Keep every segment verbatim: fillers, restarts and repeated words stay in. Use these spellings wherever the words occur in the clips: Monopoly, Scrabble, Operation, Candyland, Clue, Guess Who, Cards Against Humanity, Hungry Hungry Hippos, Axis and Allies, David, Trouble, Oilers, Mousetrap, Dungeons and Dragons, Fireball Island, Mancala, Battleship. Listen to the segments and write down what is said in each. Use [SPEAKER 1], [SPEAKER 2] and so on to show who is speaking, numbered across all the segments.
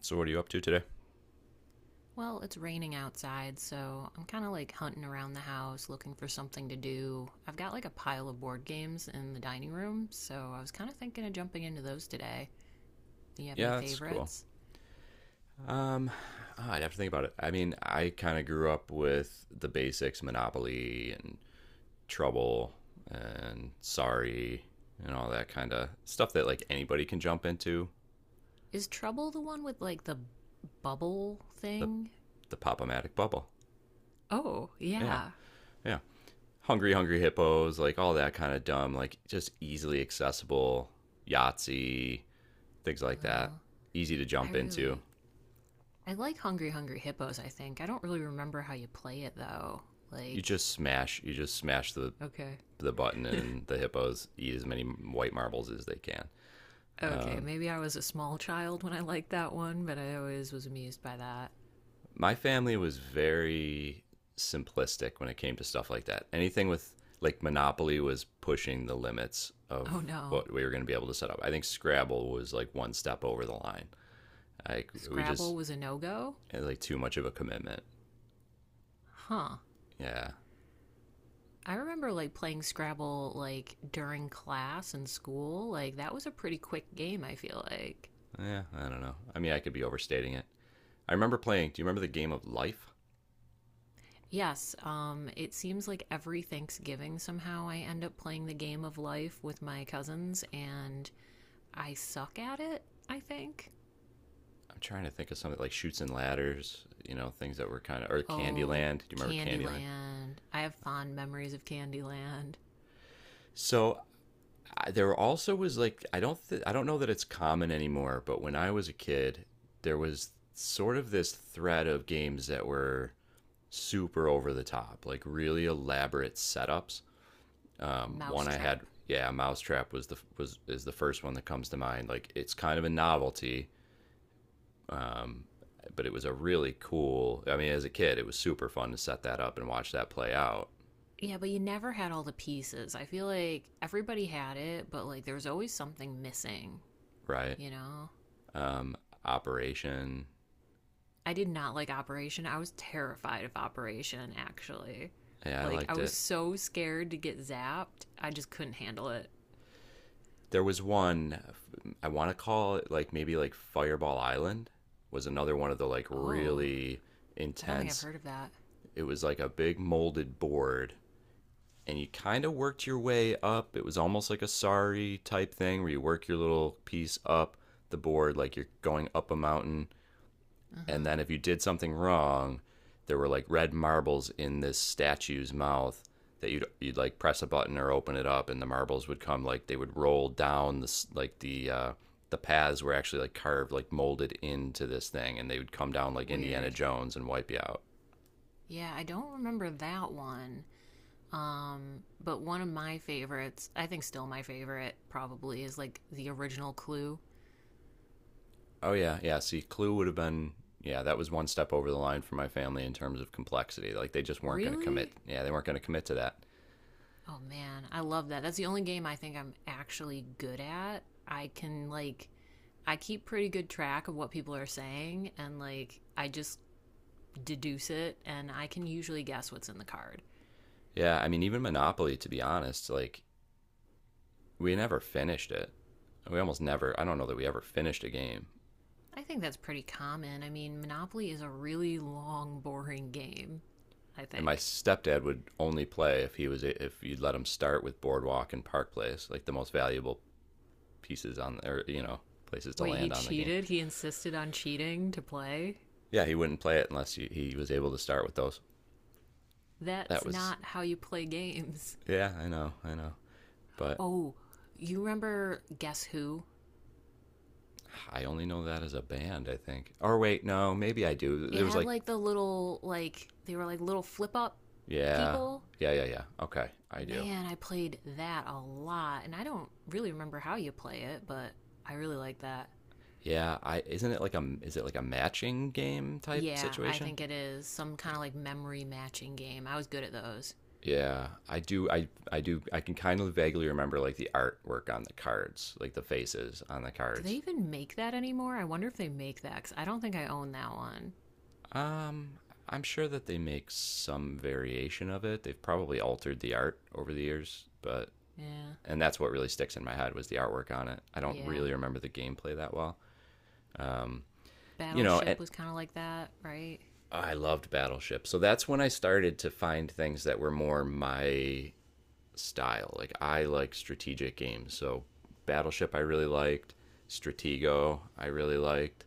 [SPEAKER 1] So what are you up to today?
[SPEAKER 2] Well, it's raining outside, so I'm kind of like hunting around the house looking for something to do. I've got like a pile of board games in the dining room, so I was kind of thinking of jumping into those today. Do you have
[SPEAKER 1] Yeah,
[SPEAKER 2] any
[SPEAKER 1] that's cool.
[SPEAKER 2] favorites?
[SPEAKER 1] Um, ah, I'd have to think about it. I mean, I kind of grew up with the basics, Monopoly and Trouble and Sorry and all that kind of stuff that like anybody can jump into
[SPEAKER 2] Is Trouble the one with like the bubble
[SPEAKER 1] the
[SPEAKER 2] thing?
[SPEAKER 1] the Pop-O-Matic bubble.
[SPEAKER 2] Oh,
[SPEAKER 1] Yeah,
[SPEAKER 2] yeah.
[SPEAKER 1] yeah. Hungry Hungry Hippos, like all that kind of dumb, like just easily accessible Yahtzee, things like that.
[SPEAKER 2] Uh,
[SPEAKER 1] Easy to
[SPEAKER 2] I
[SPEAKER 1] jump into.
[SPEAKER 2] really. I like Hungry Hungry Hippos, I think. I don't really remember how you play it though.
[SPEAKER 1] You
[SPEAKER 2] Like,
[SPEAKER 1] just smash, you just smash the
[SPEAKER 2] okay.
[SPEAKER 1] the button and the hippos eat as many white marbles as they can.
[SPEAKER 2] Okay,
[SPEAKER 1] Um,
[SPEAKER 2] maybe I was a small child when I liked that one, but I always was amused by that.
[SPEAKER 1] my family was very simplistic when it came to stuff like that. Anything with like Monopoly was pushing the limits of
[SPEAKER 2] Oh no,
[SPEAKER 1] what we were going to be able to set up. I think Scrabble was like one step over the line. Like we
[SPEAKER 2] Scrabble
[SPEAKER 1] just
[SPEAKER 2] was a no go?
[SPEAKER 1] had like too much of a commitment.
[SPEAKER 2] Huh.
[SPEAKER 1] Yeah.
[SPEAKER 2] I remember like playing Scrabble like during class in school. Like that was a pretty quick game, I feel like.
[SPEAKER 1] Yeah, I don't know. I mean, I could be overstating it. I remember playing. Do you remember the game of Life?
[SPEAKER 2] Yes, um it seems like every Thanksgiving somehow I end up playing the game of life with my cousins and I suck at it, I think.
[SPEAKER 1] I'm trying to think of something like shoots and ladders, you know, things that were kind of or
[SPEAKER 2] Oh,
[SPEAKER 1] Candyland. Do you remember Candyland?
[SPEAKER 2] Candyland. I have fond memories of Candyland.
[SPEAKER 1] So I, there also was like I don't th- I don't know that it's common anymore, but when I was a kid, there was sort of this thread of games that were super over the top, like really elaborate setups. Um, one I
[SPEAKER 2] Mousetrap.
[SPEAKER 1] had, yeah, Mousetrap was the was is the first one that comes to mind. Like it's kind of a novelty. Um, but it was a really cool. I mean, as a kid, it was super fun to set that up and watch that play out.
[SPEAKER 2] Yeah, but you never had all the pieces. I feel like everybody had it, but like there was always something missing,
[SPEAKER 1] Right.
[SPEAKER 2] you know?
[SPEAKER 1] Um, Operation.
[SPEAKER 2] I did not like Operation. I was terrified of Operation, actually.
[SPEAKER 1] Yeah, I
[SPEAKER 2] Like, I
[SPEAKER 1] liked
[SPEAKER 2] was
[SPEAKER 1] it.
[SPEAKER 2] so scared to get zapped, I just couldn't handle it.
[SPEAKER 1] There was one I want to call it like maybe like Fireball Island was another one of the like
[SPEAKER 2] Oh,
[SPEAKER 1] really
[SPEAKER 2] I don't think I've
[SPEAKER 1] intense.
[SPEAKER 2] heard of that.
[SPEAKER 1] It was like a big molded board and you kind of worked your way up. It was almost like a sorry type thing where you work your little piece up the board like you're going up a mountain,
[SPEAKER 2] Uh
[SPEAKER 1] and
[SPEAKER 2] huh.
[SPEAKER 1] then if you did something wrong, there were like red marbles in this statue's mouth that you'd you'd like press a button or open it up, and the marbles would come like they would roll down this like the uh, the paths were actually like carved like molded into this thing, and they would come down like Indiana
[SPEAKER 2] Weird.
[SPEAKER 1] Jones and wipe you out.
[SPEAKER 2] Yeah, I don't remember that one. Um, but one of my favorites, I think still my favorite, probably, is like the original Clue.
[SPEAKER 1] Oh yeah, yeah. See, Clue would have been yeah that was one step over the line for my family in terms of complexity. Like they just weren't going to commit.
[SPEAKER 2] Really?
[SPEAKER 1] Yeah, they weren't going to commit to that.
[SPEAKER 2] Oh man, I love that. That's the only game I think I'm actually good at. I can like I keep pretty good track of what people are saying, and like I just deduce it, and I can usually guess what's in the card.
[SPEAKER 1] Yeah, I mean even Monopoly to be honest, like we never finished it. We almost never. I don't know that we ever finished a game.
[SPEAKER 2] I think that's pretty common. I mean, Monopoly is a really long boring game, I
[SPEAKER 1] And my
[SPEAKER 2] think.
[SPEAKER 1] stepdad would only play if he was if you'd let him start with Boardwalk and Park Place, like the most valuable pieces on or you know places to
[SPEAKER 2] Wait, he
[SPEAKER 1] land on the game.
[SPEAKER 2] cheated? He insisted on cheating to play?
[SPEAKER 1] Yeah, he wouldn't play it unless he, he was able to start with those. That
[SPEAKER 2] That's
[SPEAKER 1] was
[SPEAKER 2] not how you play games.
[SPEAKER 1] yeah, I know, I know, but
[SPEAKER 2] Oh, you remember Guess Who?
[SPEAKER 1] I only know that as a band. I think. Or wait, no, maybe I do.
[SPEAKER 2] It
[SPEAKER 1] There was
[SPEAKER 2] had
[SPEAKER 1] like
[SPEAKER 2] like the little, like they were like little flip up
[SPEAKER 1] yeah,
[SPEAKER 2] people.
[SPEAKER 1] yeah, yeah, yeah. Okay, I do.
[SPEAKER 2] Man, I played that a lot, and I don't really remember how you play it, but I really like that.
[SPEAKER 1] Yeah, I isn't it like a is it like a matching game type
[SPEAKER 2] Yeah, I
[SPEAKER 1] situation?
[SPEAKER 2] think it is some kind of like memory matching game. I was good at those.
[SPEAKER 1] Yeah, I do. I I do. I can kind of vaguely remember like the artwork on the cards, like the faces on the
[SPEAKER 2] Do they
[SPEAKER 1] cards.
[SPEAKER 2] even make that anymore? I wonder if they make that because I don't think I own that one.
[SPEAKER 1] Um, I'm sure that they make some variation of it. They've probably altered the art over the years, but
[SPEAKER 2] Yeah,
[SPEAKER 1] and that's what really sticks in my head was the artwork on it. I don't
[SPEAKER 2] yeah.
[SPEAKER 1] really remember the gameplay that well. Um, you know,
[SPEAKER 2] Battleship
[SPEAKER 1] and
[SPEAKER 2] was kind of like that, right?
[SPEAKER 1] Oh, I loved Battleship, so that's when I started to find things that were more my style. Like I like strategic games, so Battleship I really liked, Stratego I really liked.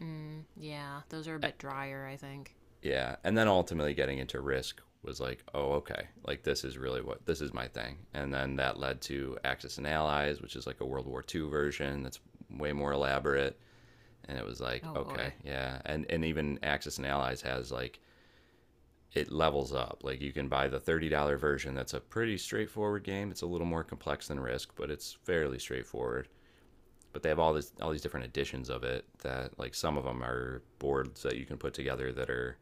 [SPEAKER 2] Mm, yeah, those are a bit drier, I think.
[SPEAKER 1] Yeah, and then ultimately getting into Risk was like, oh okay, like this is really what this is my thing. And then that led to Axis and Allies, which is like a World War two version that's way more elaborate. And it was like,
[SPEAKER 2] Oh
[SPEAKER 1] okay,
[SPEAKER 2] boy.
[SPEAKER 1] yeah, and and even Axis and Allies has like it levels up. Like you can buy the thirty dollar version that's a pretty straightforward game. It's a little more complex than Risk, but it's fairly straightforward. But they have all this all these different editions of it that like some of them are boards that you can put together that are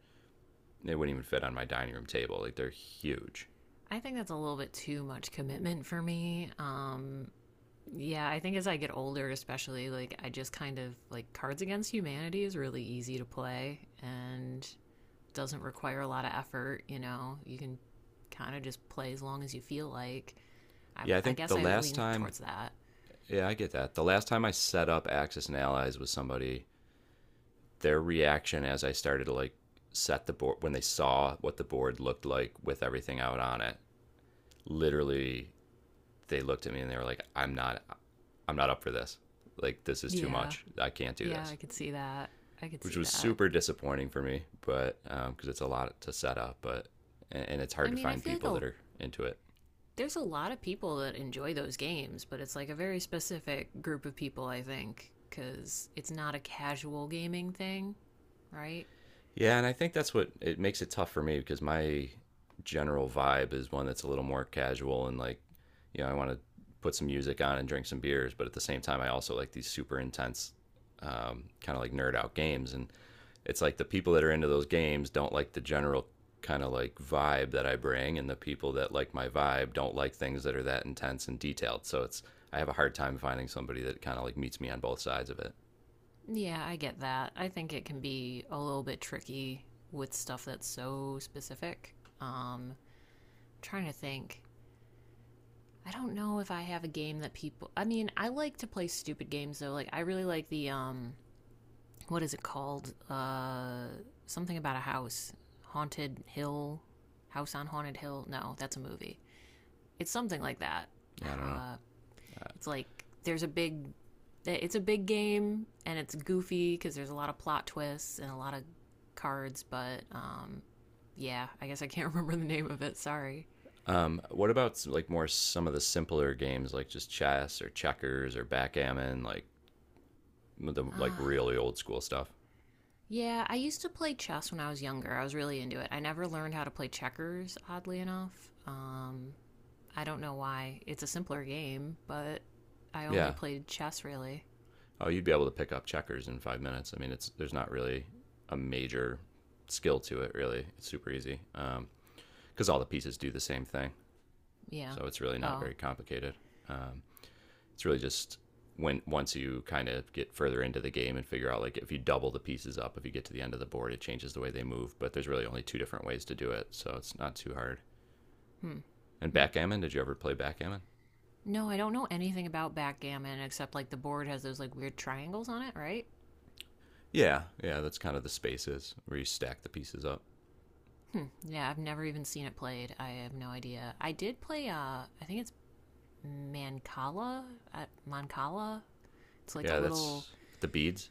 [SPEAKER 1] they wouldn't even fit on my dining room table like they're huge
[SPEAKER 2] I think that's a little bit too much commitment for me. Um, yeah, I think as I get older, especially, like, I just kind of like Cards Against Humanity is really easy to play and doesn't require a lot of effort. You know, you can kind of just play as long as you feel like. I,
[SPEAKER 1] yeah I
[SPEAKER 2] I
[SPEAKER 1] think
[SPEAKER 2] guess
[SPEAKER 1] the
[SPEAKER 2] I
[SPEAKER 1] last
[SPEAKER 2] lean
[SPEAKER 1] time
[SPEAKER 2] towards that.
[SPEAKER 1] yeah I get that the last time I set up Axis and Allies with somebody their reaction as I started to like set the board when they saw what the board looked like with everything out on it literally they looked at me and they were like i'm not i'm not up for this like this is too
[SPEAKER 2] Yeah,
[SPEAKER 1] much I can't do
[SPEAKER 2] yeah,
[SPEAKER 1] this
[SPEAKER 2] I could see that. I could
[SPEAKER 1] which
[SPEAKER 2] see
[SPEAKER 1] was
[SPEAKER 2] that.
[SPEAKER 1] super disappointing for me, but because um, it's a lot to set up, but and, and it's hard
[SPEAKER 2] I
[SPEAKER 1] to
[SPEAKER 2] mean, I
[SPEAKER 1] find
[SPEAKER 2] feel like
[SPEAKER 1] people
[SPEAKER 2] a,
[SPEAKER 1] that are into it.
[SPEAKER 2] There's a lot of people that enjoy those games, but it's like a very specific group of people, I think, because it's not a casual gaming thing, right?
[SPEAKER 1] Yeah, and I think that's what it makes it tough for me because my general vibe is one that's a little more casual and like, you know, I want to put some music on and drink some beers, but at the same time, I also like these super intense, um, kind of like nerd out games. And it's like the people that are into those games don't like the general kind of like vibe that I bring, and the people that like my vibe don't like things that are that intense and detailed. So it's I have a hard time finding somebody that kind of like meets me on both sides of it.
[SPEAKER 2] Yeah, I get that. I think it can be a little bit tricky with stuff that's so specific. Um, Trying to think. I don't know if I have a game that people. I mean, I like to play stupid games though. Like I really like the um, what is it called? Uh, something about a house, haunted hill, house on haunted hill. No, that's a movie. It's something like that.
[SPEAKER 1] Yeah, I don't know.
[SPEAKER 2] Uh, it's like there's a big, eh, it's a big game and it's goofy because there's a lot of plot twists and a lot of cards. But um, Yeah, I guess I can't remember the name of it. Sorry.
[SPEAKER 1] Um, what about like more some of the simpler games like just chess or checkers or backgammon, like the like
[SPEAKER 2] Uh,
[SPEAKER 1] really old school stuff?
[SPEAKER 2] yeah, I used to play chess when I was younger. I was really into it. I never learned how to play checkers, oddly enough. Um, I don't know why. It's a simpler game, but I only
[SPEAKER 1] Yeah.
[SPEAKER 2] played chess really.
[SPEAKER 1] Oh, you'd be able to pick up checkers in five minutes. I mean, it's there's not really a major skill to it, really. It's super easy because um, all the pieces do the same thing,
[SPEAKER 2] Yeah.
[SPEAKER 1] so it's really not
[SPEAKER 2] Oh.
[SPEAKER 1] very complicated. Um, It's really just when once you kind of get further into the game and figure out like if you double the pieces up, if you get to the end of the board, it changes the way they move. But there's really only two different ways to do it, so it's not too hard.
[SPEAKER 2] Hmm.
[SPEAKER 1] And
[SPEAKER 2] Hmm.
[SPEAKER 1] backgammon, did you ever play backgammon?
[SPEAKER 2] No, I don't know anything about backgammon except like the board has those like weird triangles on it, right?
[SPEAKER 1] Yeah, yeah, that's kind of the spaces where you stack the pieces up.
[SPEAKER 2] Hmm. Yeah, I've never even seen it played. I have no idea. I did play. Uh, I think it's Mancala. Uh, Mancala. It's like a
[SPEAKER 1] Yeah,
[SPEAKER 2] little.
[SPEAKER 1] that's with the beads.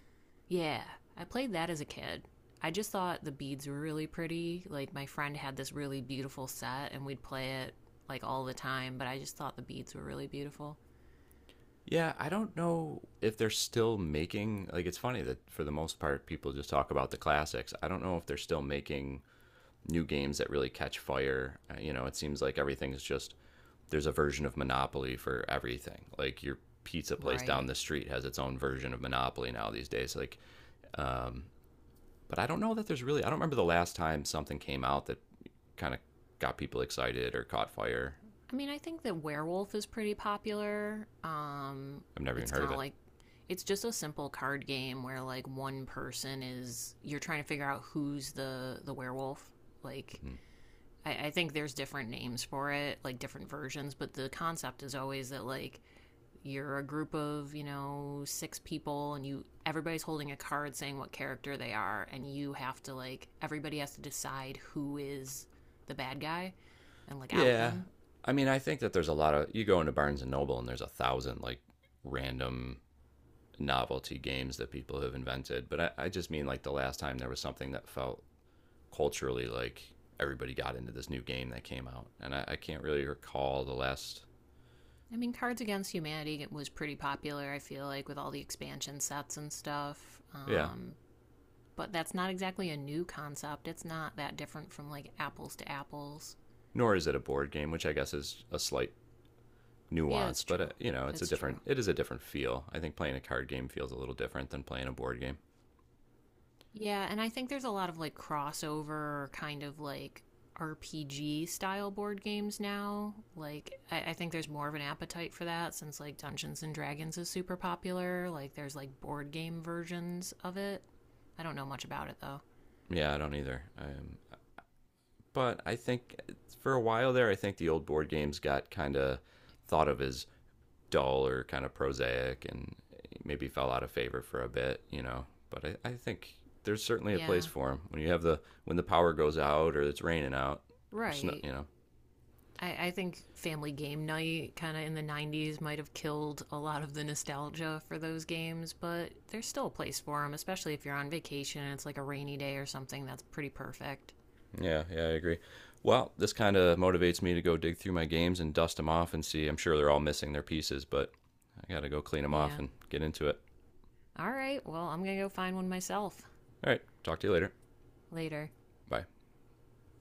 [SPEAKER 2] Yeah, I played that as a kid. I just thought the beads were really pretty. Like my friend had this really beautiful set, and we'd play it like all the time. But I just thought the beads were really beautiful.
[SPEAKER 1] Yeah, I don't know if they're still making like it's funny that for the most part people just talk about the classics. I don't know if they're still making new games that really catch fire. Uh, You know, it seems like everything's just there's a version of Monopoly for everything. Like your pizza place down
[SPEAKER 2] Right.
[SPEAKER 1] the street has its own version of Monopoly now these days. Like, um, but I don't know that there's really. I don't remember the last time something came out that kind of got people excited or caught fire.
[SPEAKER 2] I mean, I think that werewolf is pretty popular. Um,
[SPEAKER 1] I've never even
[SPEAKER 2] it's
[SPEAKER 1] heard of
[SPEAKER 2] kind of
[SPEAKER 1] it.
[SPEAKER 2] like it's just a simple card game where like one person is you're trying to figure out who's the the werewolf. Like
[SPEAKER 1] Mm-hmm.
[SPEAKER 2] I, I think there's different names for it, like different versions, but the concept is always that like you're a group of you know six people, and you everybody's holding a card saying what character they are, and you have to like everybody has to decide who is the bad guy and like out
[SPEAKER 1] Yeah,
[SPEAKER 2] them.
[SPEAKER 1] I mean, I think that there's a lot of. You go into Barnes and Noble and there's a thousand like random novelty games that people have invented. But I, I just mean like the last time there was something that felt culturally like everybody got into this new game that came out and I, I can't really recall the last
[SPEAKER 2] I mean, Cards Against Humanity was pretty popular, I feel like, with all the expansion sets and stuff.
[SPEAKER 1] yeah
[SPEAKER 2] Um, but that's not exactly a new concept. It's not that different from like Apples to Apples.
[SPEAKER 1] nor is it a board game which I guess is a slight
[SPEAKER 2] Yeah,
[SPEAKER 1] nuance
[SPEAKER 2] that's
[SPEAKER 1] but uh,
[SPEAKER 2] true.
[SPEAKER 1] you know it's a
[SPEAKER 2] That's true.
[SPEAKER 1] different it is a different feel I think playing a card game feels a little different than playing a board game
[SPEAKER 2] Yeah, and I think there's a lot of like crossover kind of like R P G style board games now. Like, I, I think there's more of an appetite for that since like Dungeons and Dragons is super popular. Like, there's like board game versions of it. I don't know much about it though.
[SPEAKER 1] yeah I don't either um, but I think for a while there I think the old board games got kind of thought of as dull or kind of prosaic and maybe fell out of favor for a bit, you know. But I, I think there's certainly a place
[SPEAKER 2] Yeah.
[SPEAKER 1] for them when you have the when the power goes out or it's raining out or snow,
[SPEAKER 2] Right.
[SPEAKER 1] you know.
[SPEAKER 2] I, I think Family Game Night kind of in the nineties might have killed a lot of the nostalgia for those games, but there's still a place for them, especially if you're on vacation and it's like a rainy day or something. That's pretty perfect.
[SPEAKER 1] Yeah, yeah, I agree. Well, this kind of motivates me to go dig through my games and dust them off and see. I'm sure they're all missing their pieces, but I got to go clean them off
[SPEAKER 2] Yeah.
[SPEAKER 1] and get into it.
[SPEAKER 2] All right. Well, I'm going to go find one myself
[SPEAKER 1] All right, talk to you later.
[SPEAKER 2] later.
[SPEAKER 1] Bye.